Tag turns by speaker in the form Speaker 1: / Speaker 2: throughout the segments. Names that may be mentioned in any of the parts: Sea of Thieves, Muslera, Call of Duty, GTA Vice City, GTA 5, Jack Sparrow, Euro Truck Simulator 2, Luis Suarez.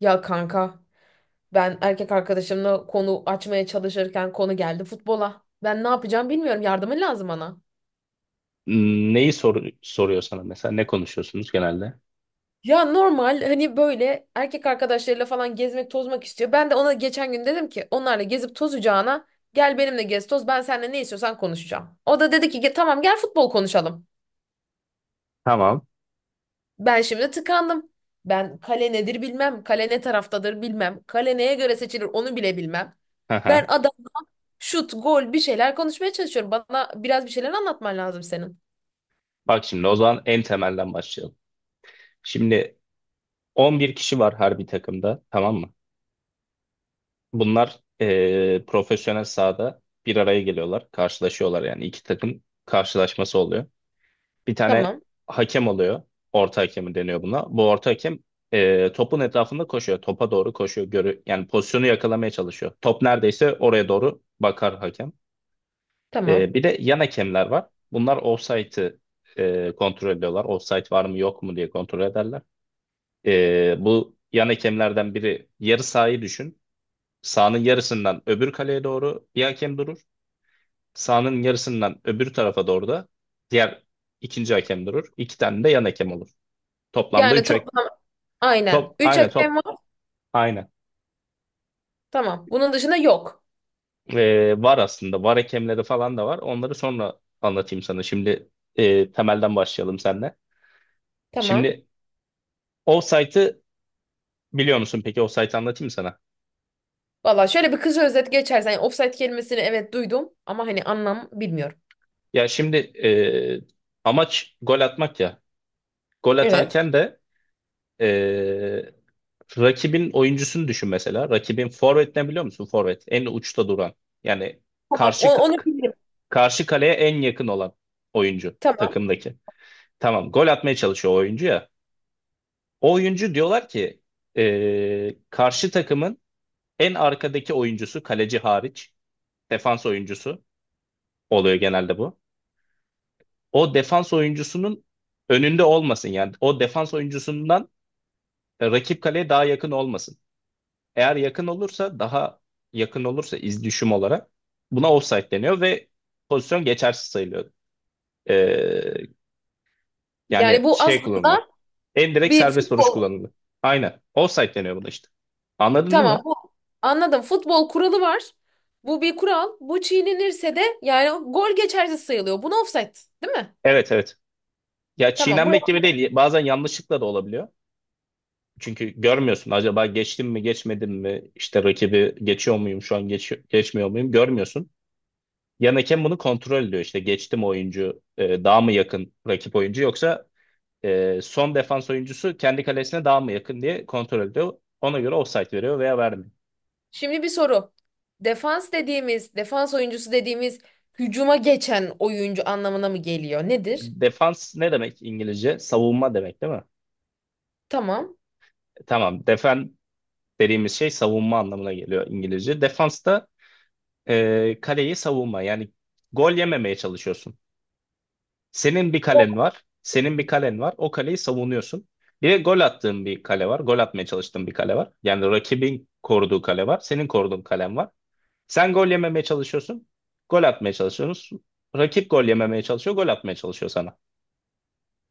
Speaker 1: Ya kanka, ben erkek arkadaşımla konu açmaya çalışırken konu geldi futbola. Ben ne yapacağım bilmiyorum, yardımın lazım bana.
Speaker 2: Neyi soruyor sana mesela? Ne konuşuyorsunuz genelde?
Speaker 1: Ya normal hani böyle erkek arkadaşlarıyla falan gezmek tozmak istiyor. Ben de ona geçen gün dedim ki onlarla gezip tozacağına gel benimle gez toz, ben seninle ne istiyorsan konuşacağım. O da dedi ki Tamam, gel futbol konuşalım."
Speaker 2: Tamam.
Speaker 1: Ben şimdi tıkandım. Ben kale nedir bilmem. Kale ne taraftadır bilmem. Kale neye göre seçilir onu bile bilmem.
Speaker 2: Hı
Speaker 1: Ben
Speaker 2: hı.
Speaker 1: adam Şut, gol, bir şeyler konuşmaya çalışıyorum. Bana biraz bir şeyler anlatman lazım senin.
Speaker 2: Bak şimdi o zaman en temelden başlayalım. Şimdi 11 kişi var her bir takımda, tamam mı? Bunlar profesyonel sahada bir araya geliyorlar. Karşılaşıyorlar, yani iki takım karşılaşması oluyor. Bir tane
Speaker 1: Tamam,
Speaker 2: hakem oluyor. Orta hakemi deniyor buna. Bu orta hakem topun etrafında koşuyor. Topa doğru koşuyor. Yani pozisyonu yakalamaya çalışıyor. Top neredeyse oraya doğru bakar hakem.
Speaker 1: tamam.
Speaker 2: Bir de yan hakemler var. Bunlar ofsaytı kontrol ediyorlar. Ofsayt var mı yok mu diye kontrol ederler. Bu yan hakemlerden biri yarı sahayı düşün. Sahanın yarısından öbür kaleye doğru bir hakem durur. Sahanın yarısından öbür tarafa doğru da diğer ikinci hakem durur. İki tane de yan hakem olur. Toplamda
Speaker 1: Yani
Speaker 2: üç hakem.
Speaker 1: toplam, aynen.
Speaker 2: Top,
Speaker 1: Üç
Speaker 2: aynı
Speaker 1: hakem
Speaker 2: top.
Speaker 1: var.
Speaker 2: Aynı.
Speaker 1: Tamam. Bunun dışında yok.
Speaker 2: Var aslında. Var, hakemleri falan da var. Onları sonra anlatayım sana. Şimdi temelden başlayalım seninle.
Speaker 1: Tamam.
Speaker 2: Şimdi Offside'ı biliyor musun peki? Offside'ı anlatayım sana.
Speaker 1: Valla şöyle bir kısa özet geçersen. Yani offside kelimesini evet duydum ama hani anlam bilmiyorum.
Speaker 2: Ya şimdi amaç gol atmak ya. Gol
Speaker 1: Evet.
Speaker 2: atarken de e, rakibin oyuncusunu düşün mesela. Rakibin forvet ne, biliyor musun? Forvet en uçta duran. Yani
Speaker 1: Tamam.
Speaker 2: karşı
Speaker 1: Onu bilirim.
Speaker 2: karşı kaleye en yakın olan oyuncu
Speaker 1: Tamam.
Speaker 2: takımdaki. Tamam, gol atmaya çalışıyor o oyuncu ya. O oyuncu diyorlar ki karşı takımın en arkadaki oyuncusu, kaleci hariç defans oyuncusu oluyor genelde bu. O defans oyuncusunun önünde olmasın yani. O defans oyuncusundan rakip kaleye daha yakın olmasın. Eğer yakın olursa daha yakın olursa, iz düşüm olarak buna offside deniyor ve pozisyon geçersiz sayılıyor. Ee,
Speaker 1: Yani
Speaker 2: yani
Speaker 1: bu
Speaker 2: şey kullanılıyor.
Speaker 1: aslında
Speaker 2: En direkt
Speaker 1: bir
Speaker 2: serbest vuruş
Speaker 1: futbol.
Speaker 2: kullanılıyor. Aynen. Offside deniyor buna işte. Anladın değil mi?
Speaker 1: Tamam. Bu anladım. Futbol kuralı var. Bu bir kural. Bu çiğnenirse de yani gol geçersiz sayılıyor. Buna offside, değil mi?
Speaker 2: Evet, evet. Ya
Speaker 1: Tamam.
Speaker 2: çiğnenmek
Speaker 1: Buraya.
Speaker 2: gibi değil. Bazen yanlışlıkla da olabiliyor. Çünkü görmüyorsun, acaba geçtim mi geçmedim mi, işte rakibi geçiyor muyum şu an, geçmiyor muyum, görmüyorsun. Yan hakem bunu kontrol ediyor. İşte geçti mi oyuncu, daha mı yakın rakip oyuncu, yoksa son defans oyuncusu kendi kalesine daha mı yakın diye kontrol ediyor. Ona göre offside veriyor veya vermiyor.
Speaker 1: Şimdi bir soru. Defans dediğimiz, defans oyuncusu dediğimiz hücuma geçen oyuncu anlamına mı geliyor? Nedir?
Speaker 2: Defans ne demek İngilizce? Savunma demek değil mi?
Speaker 1: Tamam.
Speaker 2: Tamam. Defen dediğimiz şey savunma anlamına geliyor İngilizce. Defans da kaleyi savunma. Yani gol yememeye çalışıyorsun. Senin bir
Speaker 1: O,
Speaker 2: kalen var. Senin bir kalen var. O kaleyi savunuyorsun. Bir de gol attığın bir kale var. Gol atmaya çalıştığın bir kale var. Yani rakibin koruduğu kale var. Senin koruduğun kalen var. Sen gol yememeye çalışıyorsun. Gol atmaya çalışıyorsun. Rakip gol yememeye çalışıyor. Gol atmaya çalışıyor sana.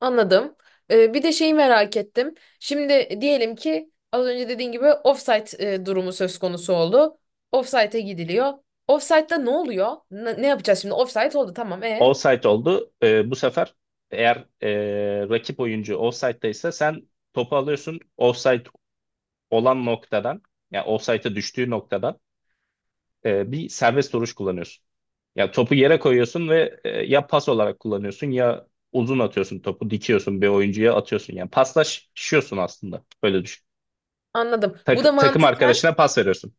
Speaker 1: anladım. Bir de şeyi merak ettim. Şimdi diyelim ki az önce dediğin gibi offside durumu söz konusu oldu. Offside'e gidiliyor. Offside'da ne oluyor? Ne, ne yapacağız şimdi? Offside oldu tamam.
Speaker 2: Offside oldu. Bu sefer eğer rakip oyuncu offside'daysa sen topu alıyorsun. Offside olan noktadan, yani offside'a düştüğü noktadan bir serbest duruş kullanıyorsun. Ya topu yere koyuyorsun ve ya pas olarak kullanıyorsun, ya uzun atıyorsun, topu dikiyorsun bir oyuncuya atıyorsun. Yani paslaşıyorsun aslında. Böyle düşün.
Speaker 1: Anladım. Bu da
Speaker 2: Takım
Speaker 1: mantıken
Speaker 2: arkadaşına pas veriyorsun.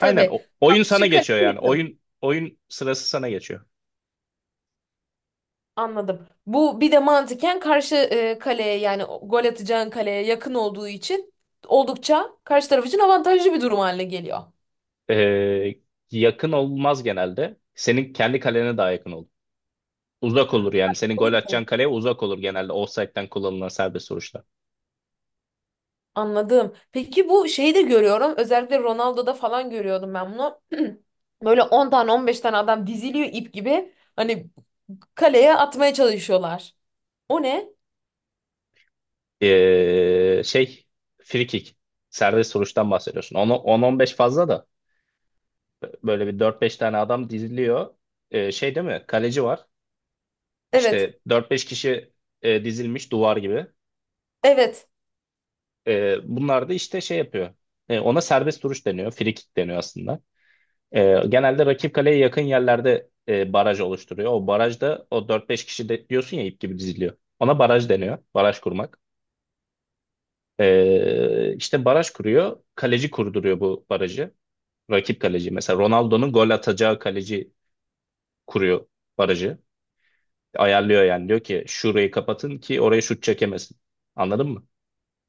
Speaker 2: Aynen, oyun sana
Speaker 1: karşı kaleye
Speaker 2: geçiyor yani.
Speaker 1: yakın.
Speaker 2: Oyun sırası sana geçiyor.
Speaker 1: Anladım. Bu bir de mantıken karşı kaleye yani gol atacağın kaleye yakın olduğu için oldukça karşı taraf için avantajlı bir durum haline geliyor.
Speaker 2: E, yakın olmaz genelde. Senin kendi kalene daha yakın olur. Uzak olur yani. Senin gol
Speaker 1: Öyle.
Speaker 2: atacağın kaleye uzak olur genelde, offside'den kullanılan serbest vuruşlar.
Speaker 1: Anladım. Peki bu şeyi de görüyorum. Özellikle Ronaldo'da falan görüyordum ben bunu. Böyle 10 tane 15 tane adam diziliyor ip gibi. Hani kaleye atmaya çalışıyorlar. O ne?
Speaker 2: Şey, free kick. Serbest vuruştan bahsediyorsun. 10-15 fazla da böyle bir dört beş tane adam diziliyor. Şey değil mi? Kaleci var.
Speaker 1: Evet.
Speaker 2: İşte dört beş kişi dizilmiş duvar gibi.
Speaker 1: Evet.
Speaker 2: Bunlar da işte şey yapıyor. Ona serbest vuruş deniyor. Free kick deniyor aslında. Genelde rakip kaleye yakın yerlerde baraj oluşturuyor. O barajda o dört beş kişi de, diyorsun ya, ip gibi diziliyor. Ona baraj deniyor. Baraj kurmak. İşte baraj kuruyor. Kaleci kurduruyor bu barajı. Rakip kaleci. Mesela Ronaldo'nun gol atacağı kaleci kuruyor barajı. Ayarlıyor yani. Diyor ki şurayı kapatın ki oraya şut çekemesin. Anladın mı?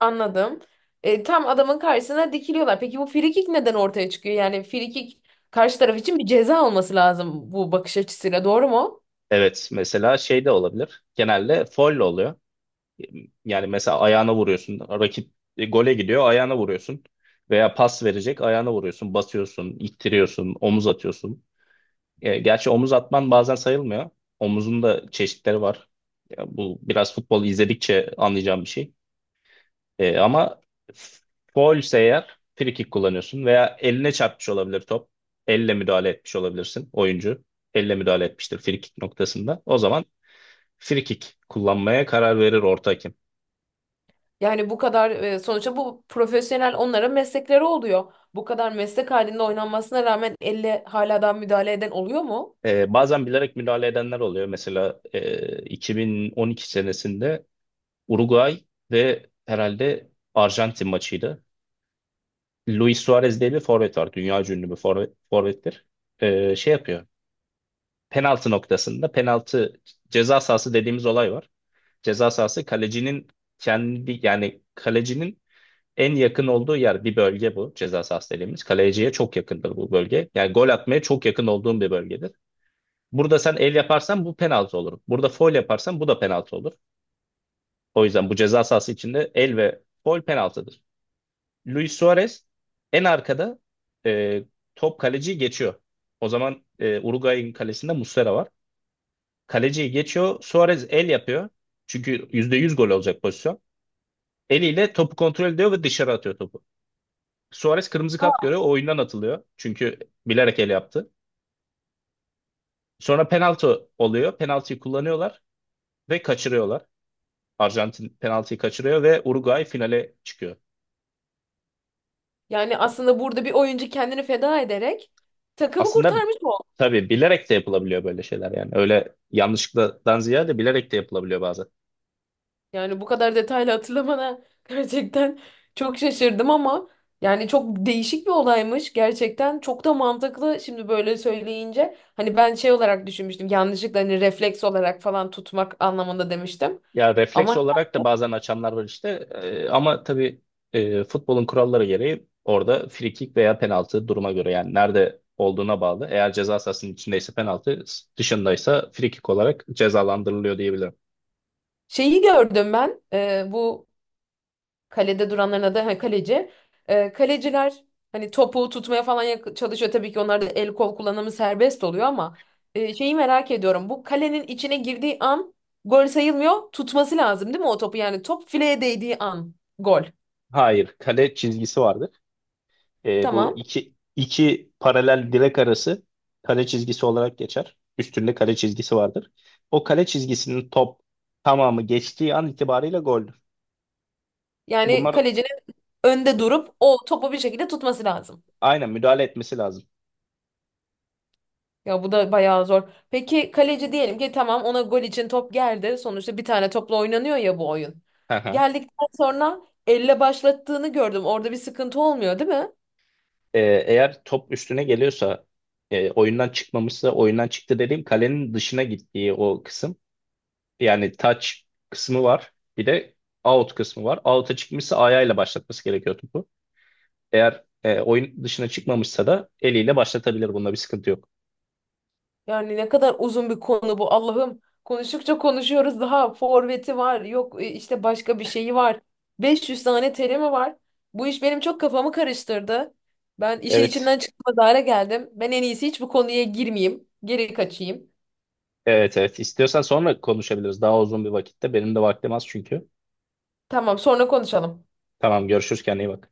Speaker 1: Anladım. Tam adamın karşısına dikiliyorlar. Peki bu frikik neden ortaya çıkıyor? Yani frikik karşı taraf için bir ceza olması lazım bu bakış açısıyla. Doğru mu?
Speaker 2: Evet. Mesela şey de olabilir. Genelde foul oluyor. Yani mesela ayağına vuruyorsun. Rakip gole gidiyor, ayağına vuruyorsun. Veya pas verecek, ayağına vuruyorsun. Basıyorsun, ittiriyorsun, omuz atıyorsun. Gerçi omuz atman bazen sayılmıyor. Omuzun da çeşitleri var. Ya bu biraz futbol izledikçe anlayacağım bir şey. Ama faul ise eğer free kick kullanıyorsun, veya eline çarpmış olabilir top. Elle müdahale etmiş olabilirsin oyuncu. Elle müdahale etmiştir free kick noktasında. O zaman free kick kullanmaya karar verir orta hakem.
Speaker 1: Yani bu kadar sonuçta bu profesyonel onların meslekleri oluyor. Bu kadar meslek halinde oynanmasına rağmen elle hala daha müdahale eden oluyor mu?
Speaker 2: Bazen bilerek müdahale edenler oluyor. Mesela 2012 senesinde Uruguay ve herhalde Arjantin maçıydı. Luis Suarez diye bir forvet var. Dünya ünlü bir forvettir. Şey yapıyor. Penaltı noktasında penaltı, ceza sahası dediğimiz olay var. Ceza sahası kalecinin kendi, yani kalecinin en yakın olduğu yer, bir bölge bu ceza sahası dediğimiz. Kaleciye çok yakındır bu bölge. Yani gol atmaya çok yakın olduğum bir bölgedir. Burada sen el yaparsan bu penaltı olur. Burada faul yaparsan bu da penaltı olur. O yüzden bu ceza sahası içinde el ve faul penaltıdır. Luis Suarez en arkada, e, top kaleciyi geçiyor. O zaman Uruguay'ın kalesinde Muslera var. Kaleciyi geçiyor. Suarez el yapıyor. Çünkü %100 gol olacak pozisyon. Eliyle topu kontrol ediyor ve dışarı atıyor topu. Suarez kırmızı kart görüyor. O oyundan atılıyor. Çünkü bilerek el yaptı. Sonra penaltı oluyor. Penaltıyı kullanıyorlar ve kaçırıyorlar. Arjantin penaltıyı kaçırıyor ve Uruguay finale çıkıyor.
Speaker 1: Yani aslında burada bir oyuncu kendini feda ederek takımı
Speaker 2: Aslında
Speaker 1: kurtarmış.
Speaker 2: tabii bilerek de yapılabiliyor böyle şeyler yani. Öyle yanlışlıktan ziyade bilerek de yapılabiliyor bazen.
Speaker 1: Yani bu kadar detaylı hatırlamana gerçekten çok şaşırdım ama yani çok değişik bir olaymış. Gerçekten çok da mantıklı şimdi böyle söyleyince. Hani ben şey olarak düşünmüştüm, yanlışlıkla hani refleks olarak falan tutmak anlamında demiştim.
Speaker 2: Ya refleks
Speaker 1: Ama
Speaker 2: olarak da bazen açanlar var işte. Ama tabii futbolun kuralları gereği orada free kick veya penaltı, duruma göre yani nerede olduğuna bağlı. Eğer ceza sahasının içindeyse penaltı, dışındaysa free kick olarak cezalandırılıyor diyebilirim.
Speaker 1: şeyi gördüm ben bu kalede duranların adı ha, kaleci. Kaleciler hani topu tutmaya falan çalışıyor. Tabii ki onlarda el kol kullanımı serbest oluyor ama şeyi merak ediyorum. Bu kalenin içine girdiği an gol sayılmıyor. Tutması lazım değil mi o topu? Yani top fileye değdiği an gol.
Speaker 2: Hayır, kale çizgisi vardı. Bu
Speaker 1: Tamam.
Speaker 2: iki paralel direk arası kale çizgisi olarak geçer. Üstünde kale çizgisi vardır. O kale çizgisinin top tamamı geçtiği an itibariyle goldür.
Speaker 1: Yani
Speaker 2: Bunlar
Speaker 1: kalecinin önde durup o topu bir şekilde tutması lazım.
Speaker 2: aynen müdahale etmesi lazım.
Speaker 1: Ya bu da bayağı zor. Peki kaleci diyelim ki tamam ona gol için top geldi. Sonuçta bir tane topla oynanıyor ya bu oyun.
Speaker 2: Hı hı.
Speaker 1: Geldikten sonra elle başlattığını gördüm. Orada bir sıkıntı olmuyor, değil mi?
Speaker 2: E, eğer top üstüne geliyorsa oyundan çıkmamışsa, oyundan çıktı dediğim kalenin dışına gittiği o kısım. Yani touch kısmı var. Bir de out kısmı var. Out'a çıkmışsa ayağıyla başlatması gerekiyor topu. Eğer oyun dışına çıkmamışsa da eliyle başlatabilir. Bunda bir sıkıntı yok.
Speaker 1: Yani ne kadar uzun bir konu bu Allah'ım. Konuştukça konuşuyoruz daha forveti var yok işte başka bir şeyi var. 500 tane terimi var. Bu iş benim çok kafamı karıştırdı. Ben işin
Speaker 2: Evet.
Speaker 1: içinden çıkmaz hale geldim. Ben en iyisi hiç bu konuya girmeyeyim. Geri kaçayım.
Speaker 2: Evet, evet. İstiyorsan sonra konuşabiliriz. Daha uzun bir vakitte. Benim de vaktim az çünkü.
Speaker 1: Tamam sonra konuşalım.
Speaker 2: Tamam, görüşürüz, kendine iyi bak.